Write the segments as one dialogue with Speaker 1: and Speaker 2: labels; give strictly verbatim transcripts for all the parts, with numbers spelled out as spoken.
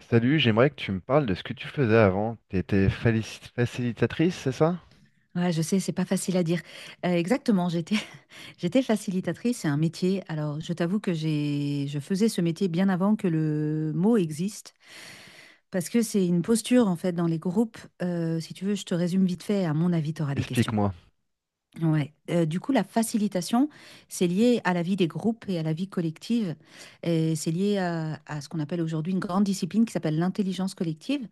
Speaker 1: Salut, j'aimerais que tu me parles de ce que tu faisais avant. Tu étais facilitatrice, c'est ça?
Speaker 2: Ouais, je sais, c'est pas facile à dire. Euh, exactement, j'étais j'étais facilitatrice, c'est un métier. Alors, je t'avoue que j'ai je faisais ce métier bien avant que le mot existe, parce que c'est une posture en fait dans les groupes. Euh, si tu veux, je te résume vite fait. À mon avis, tu auras des questions.
Speaker 1: Explique-moi.
Speaker 2: Ouais, heu, du coup, la facilitation, c'est lié à la vie des groupes et à la vie collective et c'est lié à à ce qu'on appelle aujourd'hui une grande discipline qui s'appelle l'intelligence collective.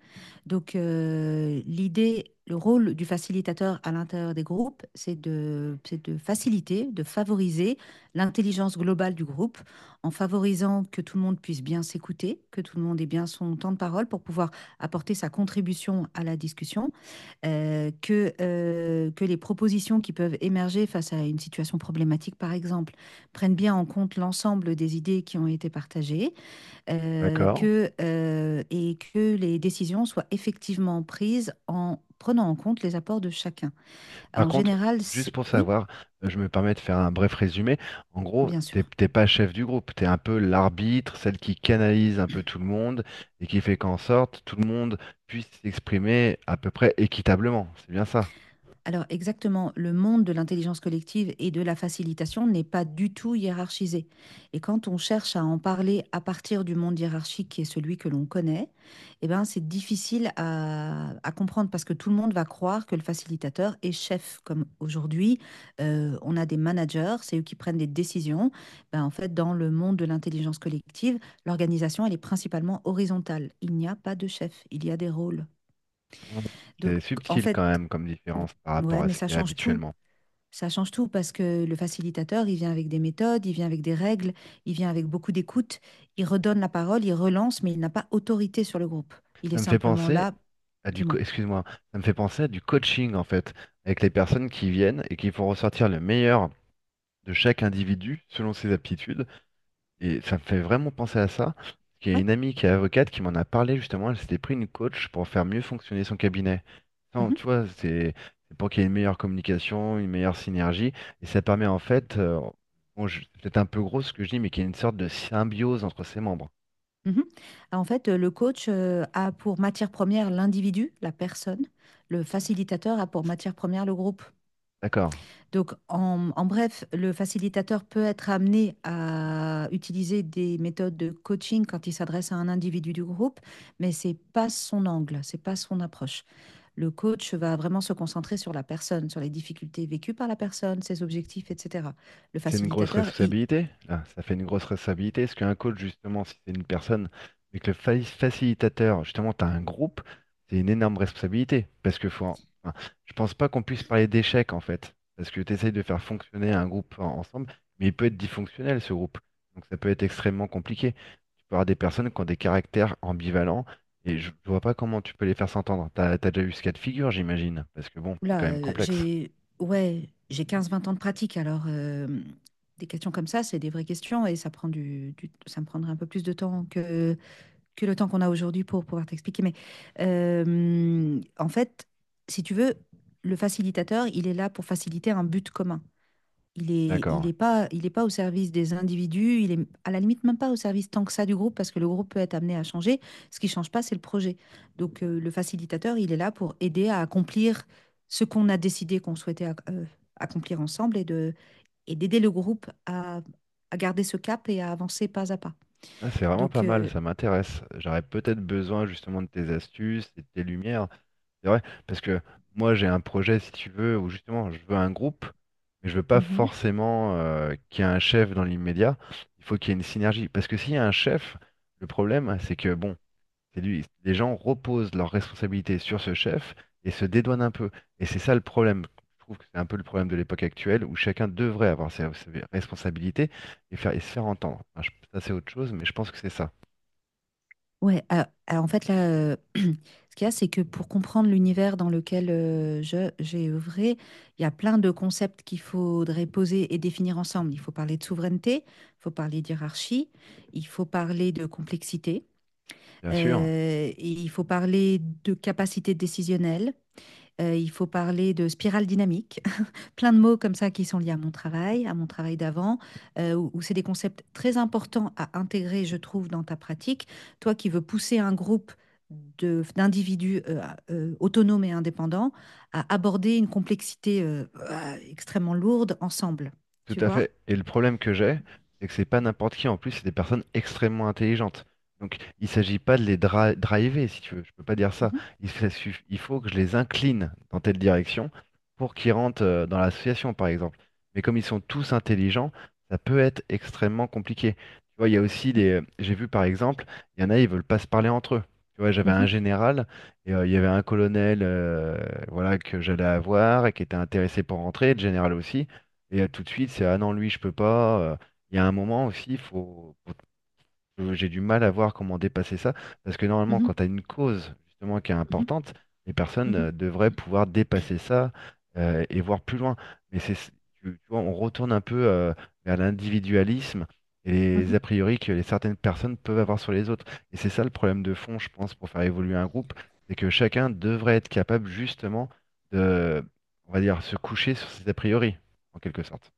Speaker 2: Donc heu, l'idée Le rôle du facilitateur à l'intérieur des groupes, c'est de c'est de faciliter, de favoriser l'intelligence globale du groupe en favorisant que tout le monde puisse bien s'écouter, que tout le monde ait bien son temps de parole pour pouvoir apporter sa contribution à la discussion euh, que, euh, que les propositions qui peuvent émerger face à une situation problématique, par exemple, prennent bien en compte l'ensemble des idées qui ont été partagées, euh,
Speaker 1: D'accord.
Speaker 2: que, euh, et que les décisions soient effectivement prises en prenant en compte les apports de chacun.
Speaker 1: Par
Speaker 2: En
Speaker 1: contre,
Speaker 2: général,
Speaker 1: juste
Speaker 2: c'est...
Speaker 1: pour
Speaker 2: Oui,
Speaker 1: savoir, euh, je me permets de faire un bref résumé. En gros,
Speaker 2: bien
Speaker 1: t'es
Speaker 2: sûr.
Speaker 1: t'es pas chef du groupe, tu es un peu l'arbitre, celle qui canalise un peu tout le monde et qui fait qu'en sorte tout le monde puisse s'exprimer à peu près équitablement. C'est bien ça.
Speaker 2: Alors exactement, le monde de l'intelligence collective et de la facilitation n'est pas du tout hiérarchisé. Et quand on cherche à en parler à partir du monde hiérarchique qui est celui que l'on connaît, eh ben c'est difficile à, à comprendre parce que tout le monde va croire que le facilitateur est chef. Comme aujourd'hui, euh, on a des managers, c'est eux qui prennent des décisions. Ben, en fait, dans le monde de l'intelligence collective, l'organisation, elle est principalement horizontale. Il n'y a pas de chef, il y a des rôles.
Speaker 1: Mm.
Speaker 2: Donc
Speaker 1: C'est
Speaker 2: en
Speaker 1: subtil quand
Speaker 2: fait,
Speaker 1: même comme différence par rapport
Speaker 2: Ouais,
Speaker 1: à
Speaker 2: mais
Speaker 1: ce qu'il
Speaker 2: ça
Speaker 1: y a
Speaker 2: change tout.
Speaker 1: habituellement.
Speaker 2: Ça change tout parce que le facilitateur, il vient avec des méthodes, il vient avec des règles, il vient avec beaucoup d'écoute, il redonne la parole, il relance, mais il n'a pas autorité sur le groupe. Il est
Speaker 1: Ça me fait
Speaker 2: simplement
Speaker 1: penser
Speaker 2: là,
Speaker 1: à du, co-
Speaker 2: dis-moi.
Speaker 1: excuse-moi, ça me fait penser à du coaching en fait, avec les personnes qui viennent et qui font ressortir le meilleur de chaque individu selon ses aptitudes. Et ça me fait vraiment penser à ça. Parce qu'il y a
Speaker 2: Ouais.
Speaker 1: une amie qui est avocate qui m'en a parlé justement, elle s'était pris une coach pour faire mieux fonctionner son cabinet. Non,
Speaker 2: Mhm,
Speaker 1: tu vois, c'est c'est pour qu'il y ait une meilleure communication, une meilleure synergie, et ça permet en fait, euh, bon, je- c'est peut-être un peu gros ce que je dis, mais qu'il y ait une sorte de symbiose entre ses membres.
Speaker 2: mhm. Ah, En fait, euh, le coach euh, a pour matière première l'individu, la personne. Le facilitateur a pour matière première le groupe.
Speaker 1: D'accord.
Speaker 2: Donc, en, en bref, le facilitateur peut être amené à utiliser des méthodes de coaching quand il s'adresse à un individu du groupe, mais c'est pas son angle, c'est pas son approche. Le coach va vraiment se concentrer sur la personne, sur les difficultés vécues par la personne, ses objectifs, et cætera. Le
Speaker 1: C'est une grosse
Speaker 2: facilitateur, il,
Speaker 1: responsabilité. Là, ça fait une grosse responsabilité. Parce qu'un coach, justement, si c'est une personne, mais que le fa- facilitateur, justement, tu as un groupe, c'est une énorme responsabilité. Parce que faut, en- enfin, je pense pas qu'on puisse parler d'échec, en fait. Parce que tu essayes de faire fonctionner un groupe en- ensemble, mais il peut être dysfonctionnel, ce groupe. Donc ça peut être extrêmement compliqué. Tu peux avoir des personnes qui ont des caractères ambivalents, et je, je vois pas comment tu peux les faire s'entendre. T'as, t'as déjà eu ce cas de figure, j'imagine. Parce que bon, c'est quand
Speaker 2: là,
Speaker 1: même
Speaker 2: euh,
Speaker 1: complexe.
Speaker 2: j'ai, ouais, j'ai quinze vingt ans de pratique, alors euh, des questions comme ça, c'est des vraies questions et ça prend du, du- ça me prendrait un peu plus de temps que que le temps qu'on a aujourd'hui pour pouvoir t'expliquer. Mais euh, en fait, si tu veux, le facilitateur, il est là pour faciliter un but commun. Il est, il
Speaker 1: D'accord.
Speaker 2: est pas, il est pas au service des individus. Il est à la limite même pas au service tant que ça du groupe parce que le groupe peut être amené à changer. Ce qui ne change pas, c'est le projet. Donc euh, le facilitateur, il est là pour aider à accomplir ce qu'on a décidé qu'on souhaitait ac- euh, accomplir ensemble et de, et d'aider le groupe à, à garder ce cap et à avancer pas à pas.
Speaker 1: Ah, c'est vraiment
Speaker 2: Donc
Speaker 1: pas mal,
Speaker 2: euh,
Speaker 1: ça m'intéresse. J'aurais peut-être besoin justement de tes astuces et de tes lumières. C'est vrai, parce que moi j'ai un projet, si tu veux, où justement je veux un groupe, mais je veux pas
Speaker 2: mhm.
Speaker 1: forcément euh, qu'il y ait un chef dans l'immédiat. Il faut qu'il y ait une synergie. Parce que s'il y a un chef, le problème, c'est que bon, c'est lui. Les gens reposent leurs responsabilités sur ce chef et se dédouanent un peu. Et c'est ça le problème. Je trouve que c'est un peu le problème de l'époque actuelle où chacun devrait avoir ses, ses responsabilités et faire, et se faire entendre. Enfin, je- ça, c'est autre chose, mais je pense que c'est ça.
Speaker 2: Ouais, euh, alors en fait, là, euh, ce qu'il y a, c'est que pour comprendre l'univers dans lequel euh, je, j'ai œuvré, il y a plein de concepts qu'il faudrait poser et définir ensemble. Il faut parler de souveraineté, il faut parler d'hierarchie, il faut parler de complexité,
Speaker 1: Bien sûr.
Speaker 2: euh, et il faut parler de capacité décisionnelle, euh, il faut parler de spirale dynamique, plein de mots comme ça qui sont liés à mon travail, à mon travail d'avant, heu, où où c'est des concepts très importants à intégrer, je trouve, dans ta pratique. Toi qui veux pousser un groupe de d'individus, heu, à euh, autonomes et indépendants à aborder une complexité, heu, ah, extrêmement lourde ensemble,
Speaker 1: Tout
Speaker 2: tu
Speaker 1: à
Speaker 2: vois?
Speaker 1: fait. Et le problème que j'ai, c'est que c'est pas n'importe qui. En plus, c'est des personnes extrêmement intelligentes. Donc, il s'agit pas de les dra- driver, si tu veux. Je peux pas dire ça.
Speaker 2: Mmh
Speaker 1: Il, se- suff- il faut que je les incline dans telle direction pour qu'ils rentrent euh, dans l'association, par exemple. Mais comme ils sont tous intelligents, ça peut être extrêmement compliqué. Tu vois, il y a aussi
Speaker 2: mh.
Speaker 1: les. J'ai vu, par exemple, il y en a, ils veulent pas se parler entre eux. Tu vois, j'avais un
Speaker 2: Mmh.
Speaker 1: général et euh, il y avait un colonel, euh, voilà, que j'allais avoir et qui était intéressé pour rentrer, le général aussi. Et euh, tout de suite, c'est ah non, lui, je peux pas. euh. Il y a un moment aussi, faut, faut- j'ai du mal à voir comment dépasser ça. Parce que normalement,
Speaker 2: Mmh mh.
Speaker 1: quand tu as une cause justement qui est
Speaker 2: Mmh.
Speaker 1: importante, les personnes
Speaker 2: Mmh.
Speaker 1: euh, devraient pouvoir dépasser ça euh, et voir plus loin. Mais c'est, tu, tu vois, on retourne un peu euh, vers l'individualisme et les
Speaker 2: Mmh.
Speaker 1: a priori que les certaines personnes peuvent avoir sur les autres. Et c'est ça le problème de fond, je pense, pour faire évoluer un groupe, c'est que chacun devrait être capable justement de, on va dire, se coucher sur ses a priori, en quelque sorte.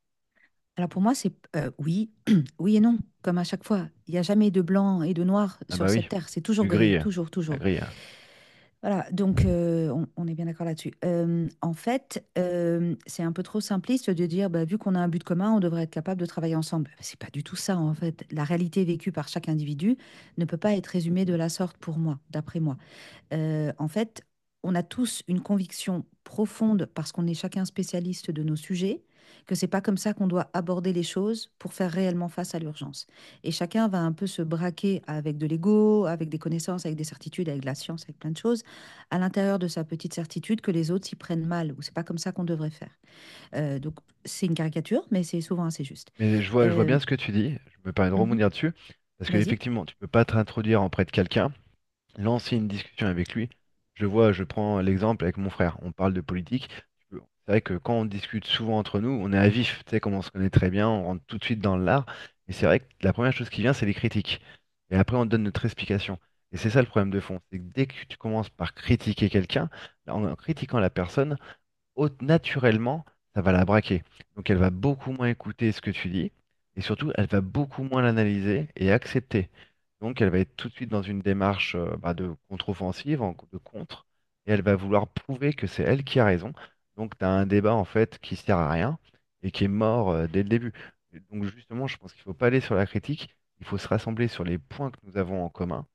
Speaker 2: Alors pour moi, c'est p oui, oui et non, comme à chaque fois. Il n'y a jamais de blanc et de noir
Speaker 1: Ah bah
Speaker 2: sur cette
Speaker 1: oui,
Speaker 2: terre, c'est toujours
Speaker 1: du gris,
Speaker 2: gris,
Speaker 1: euh,
Speaker 2: toujours,
Speaker 1: la
Speaker 2: toujours.
Speaker 1: grille. Hein.
Speaker 2: Voilà, donc euh, on, on est bien d'accord là-dessus. Euh, en fait, euh, c'est un peu trop simpliste de dire, bah, vu qu'on a un but commun, on devrait être capable de travailler ensemble. Bah, c'est pas du tout ça, en fait. La réalité vécue par chaque individu ne peut pas être résumée de la sorte pour moi, d'après moi euh, en fait, on a tous une conviction profonde, parce qu'on est chacun spécialiste de nos sujets, que c'est pas comme ça qu'on doit aborder les choses pour faire réellement face à l'urgence. Et chacun va un peu se braquer avec de l'ego, avec des connaissances, avec des certitudes, avec de la science, avec plein de choses, à l'intérieur de sa petite certitude que les autres s'y prennent mal, ou c'est pas comme ça qu'on devrait faire. Euh, donc c'est une caricature, mais c'est souvent assez juste.
Speaker 1: Mais je vois, je vois
Speaker 2: Euh,
Speaker 1: bien ce que tu dis, je me permets de
Speaker 2: mhm,
Speaker 1: rebondir dessus, parce que
Speaker 2: vas-y.
Speaker 1: effectivement, tu peux pas t'introduire auprès de quelqu'un, lancer une discussion avec lui. Je vois, je prends l'exemple avec mon frère, on parle de politique. Tu peux- C'est vrai que quand on discute souvent entre nous, on est à vif, tu sais, comme on se connaît très bien, on rentre tout de suite dans l'art, mais c'est vrai que la première chose qui vient, c'est les critiques. Et après, on donne notre explication. Et c'est ça le problème de fond, c'est que dès que tu commences par critiquer quelqu'un, là, en critiquant la personne, au- naturellement, ça va la braquer. Donc elle va beaucoup moins écouter ce que tu dis, et surtout, elle va beaucoup moins l'analyser et accepter. Donc elle va être tout de suite dans une démarche euh, bah, de contre-offensive, en- de contre, et elle va vouloir prouver que c'est elle qui a raison. Donc tu as un débat en fait qui sert à rien et qui est mort euh, dès le début. Donc justement, je pense qu'il ne faut pas aller sur la critique, il faut se rassembler sur les points que nous avons en commun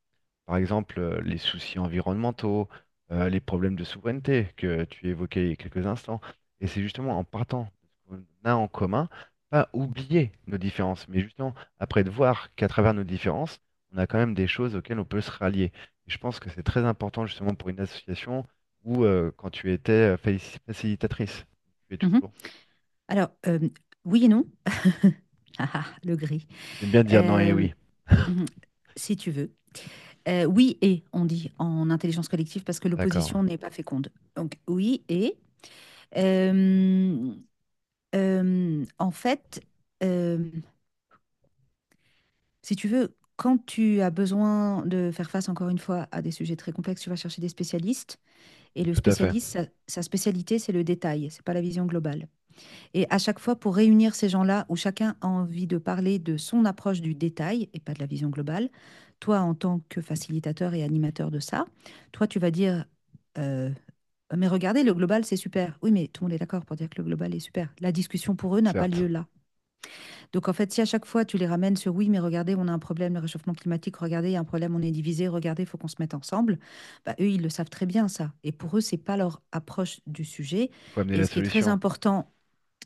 Speaker 1: par exemple, euh, les soucis environnementaux, euh, les problèmes de souveraineté que tu évoquais il y a quelques instants. Et c'est justement en partant de ce qu'on a en commun, pas oublier nos différences, mais justement après de voir qu'à travers nos différences, on a quand même des choses auxquelles on peut se rallier. Et je pense que c'est très important justement pour une association où euh, quand tu étais euh, faci- facilitatrice, tu es
Speaker 2: Mhm.
Speaker 1: toujours.
Speaker 2: Alors, euh, oui et non. Ah, ah, le gris.
Speaker 1: J'aime bien dire non et
Speaker 2: Euh,
Speaker 1: oui.
Speaker 2: mhm, si tu veux. Euh, oui et, on dit en intelligence collective, parce que
Speaker 1: D'accord,
Speaker 2: l'opposition n'est pas féconde. Donc oui et. euh, euh, en fait, euh, Si tu veux, quand tu as besoin de faire face, encore une fois, à des sujets très complexes, tu vas chercher des spécialistes. Et le
Speaker 1: tout à fait,
Speaker 2: spécialiste, sa, sa spécialité, c'est le détail, c'est pas la vision globale. Et à chaque fois, pour réunir ces gens-là, où chacun a envie de parler de son approche du détail et pas de la vision globale, toi, en tant que facilitateur et animateur de ça, toi, tu vas dire, euh, mais regardez, le global, c'est super. Oui, mais tout le monde est d'accord pour dire que le global est super. La discussion pour eux n'a pas
Speaker 1: certes.
Speaker 2: lieu là. Donc, en fait, si à chaque fois, tu les ramènes sur, oui, mais regardez, on a un problème, le réchauffement climatique, regardez, il y a un problème, on est divisé, regardez, il faut qu'on se mette ensemble, bah, eux, ils le savent très bien, ça. Et pour eux, c'est pas leur approche du sujet.
Speaker 1: Faut amener
Speaker 2: Et
Speaker 1: la
Speaker 2: ce qui est très
Speaker 1: solution.
Speaker 2: important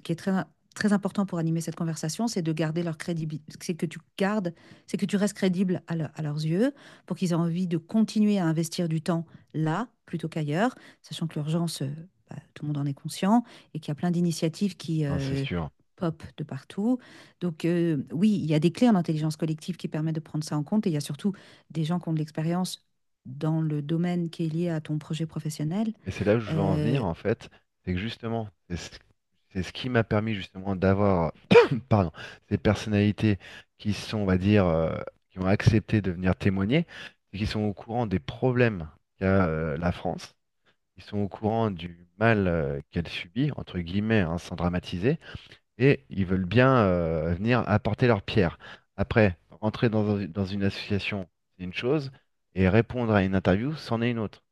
Speaker 2: qui est très, très important pour animer cette conversation, c'est de garder leur crédibilité, c'est que tu gardes, c'est que tu restes crédible à, leur, à leurs yeux pour qu'ils aient envie de continuer à investir du temps là plutôt qu'ailleurs, sachant que l'urgence, euh, bah, tout le monde en est conscient et qu'il y a plein d'initiatives qui
Speaker 1: Non, c'est
Speaker 2: euh,
Speaker 1: sûr.
Speaker 2: pop de partout. Donc euh, oui, il y a des clés en intelligence collective qui permettent de prendre ça en compte et il y a surtout des gens qui ont de l'expérience dans le domaine qui est lié à ton projet professionnel
Speaker 1: Et c'est là où je veux en venir,
Speaker 2: euh,
Speaker 1: en fait, c'est que justement, c'est ce, c'est ce qui m'a permis justement d'avoir, pardon, ces personnalités qui sont, on va dire, euh, qui ont accepté de venir témoigner, et qui sont au courant des problèmes qu'a euh, la France, qui sont au courant du mal euh, qu'elle subit, entre guillemets, hein, sans dramatiser, et ils veulent bien euh, venir apporter leur pierre. Après, rentrer dans, un- dans une association, c'est une chose, et répondre à une interview, c'en est une autre.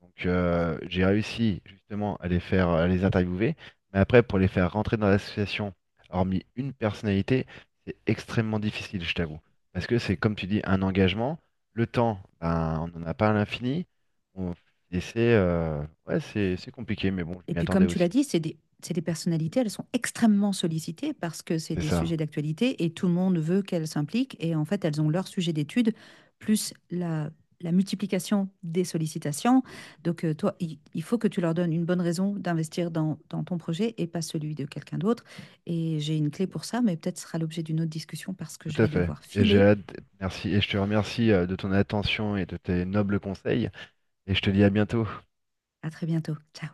Speaker 1: Donc euh, j'ai réussi justement à les faire, à les interviewer, mais après pour les faire rentrer dans l'association, hormis une personnalité, c'est extrêmement difficile, je t'avoue. Parce que c'est comme tu dis, un engagement, le temps, ben, on n'en a pas à l'infini. On... Et c'est euh, ouais, c'est c'est compliqué, mais bon, je
Speaker 2: Et
Speaker 1: m'y
Speaker 2: puis,
Speaker 1: attendais
Speaker 2: comme tu l'as
Speaker 1: aussi.
Speaker 2: dit, c'est des, c'est des personnalités, elles sont extrêmement sollicitées parce que c'est
Speaker 1: C'est
Speaker 2: des
Speaker 1: ça,
Speaker 2: sujets d'actualité et tout le monde veut qu'elles s'impliquent. Et en fait, elles ont leur sujet d'étude, plus la, la multiplication des sollicitations. Donc, euh, toi, il, il faut que tu leur donnes une bonne raison d'investir dans, dans ton projet et pas celui de quelqu'un d'autre. Et j'ai une clé pour ça, mais peut-être ce sera l'objet d'une autre discussion parce que je
Speaker 1: tout à
Speaker 2: vais
Speaker 1: fait.
Speaker 2: devoir
Speaker 1: Et j'ai
Speaker 2: filer.
Speaker 1: hâte, merci, et je te remercie euh, de ton attention et de tes nobles conseils, et je te dis à bientôt.
Speaker 2: À très bientôt. Ciao.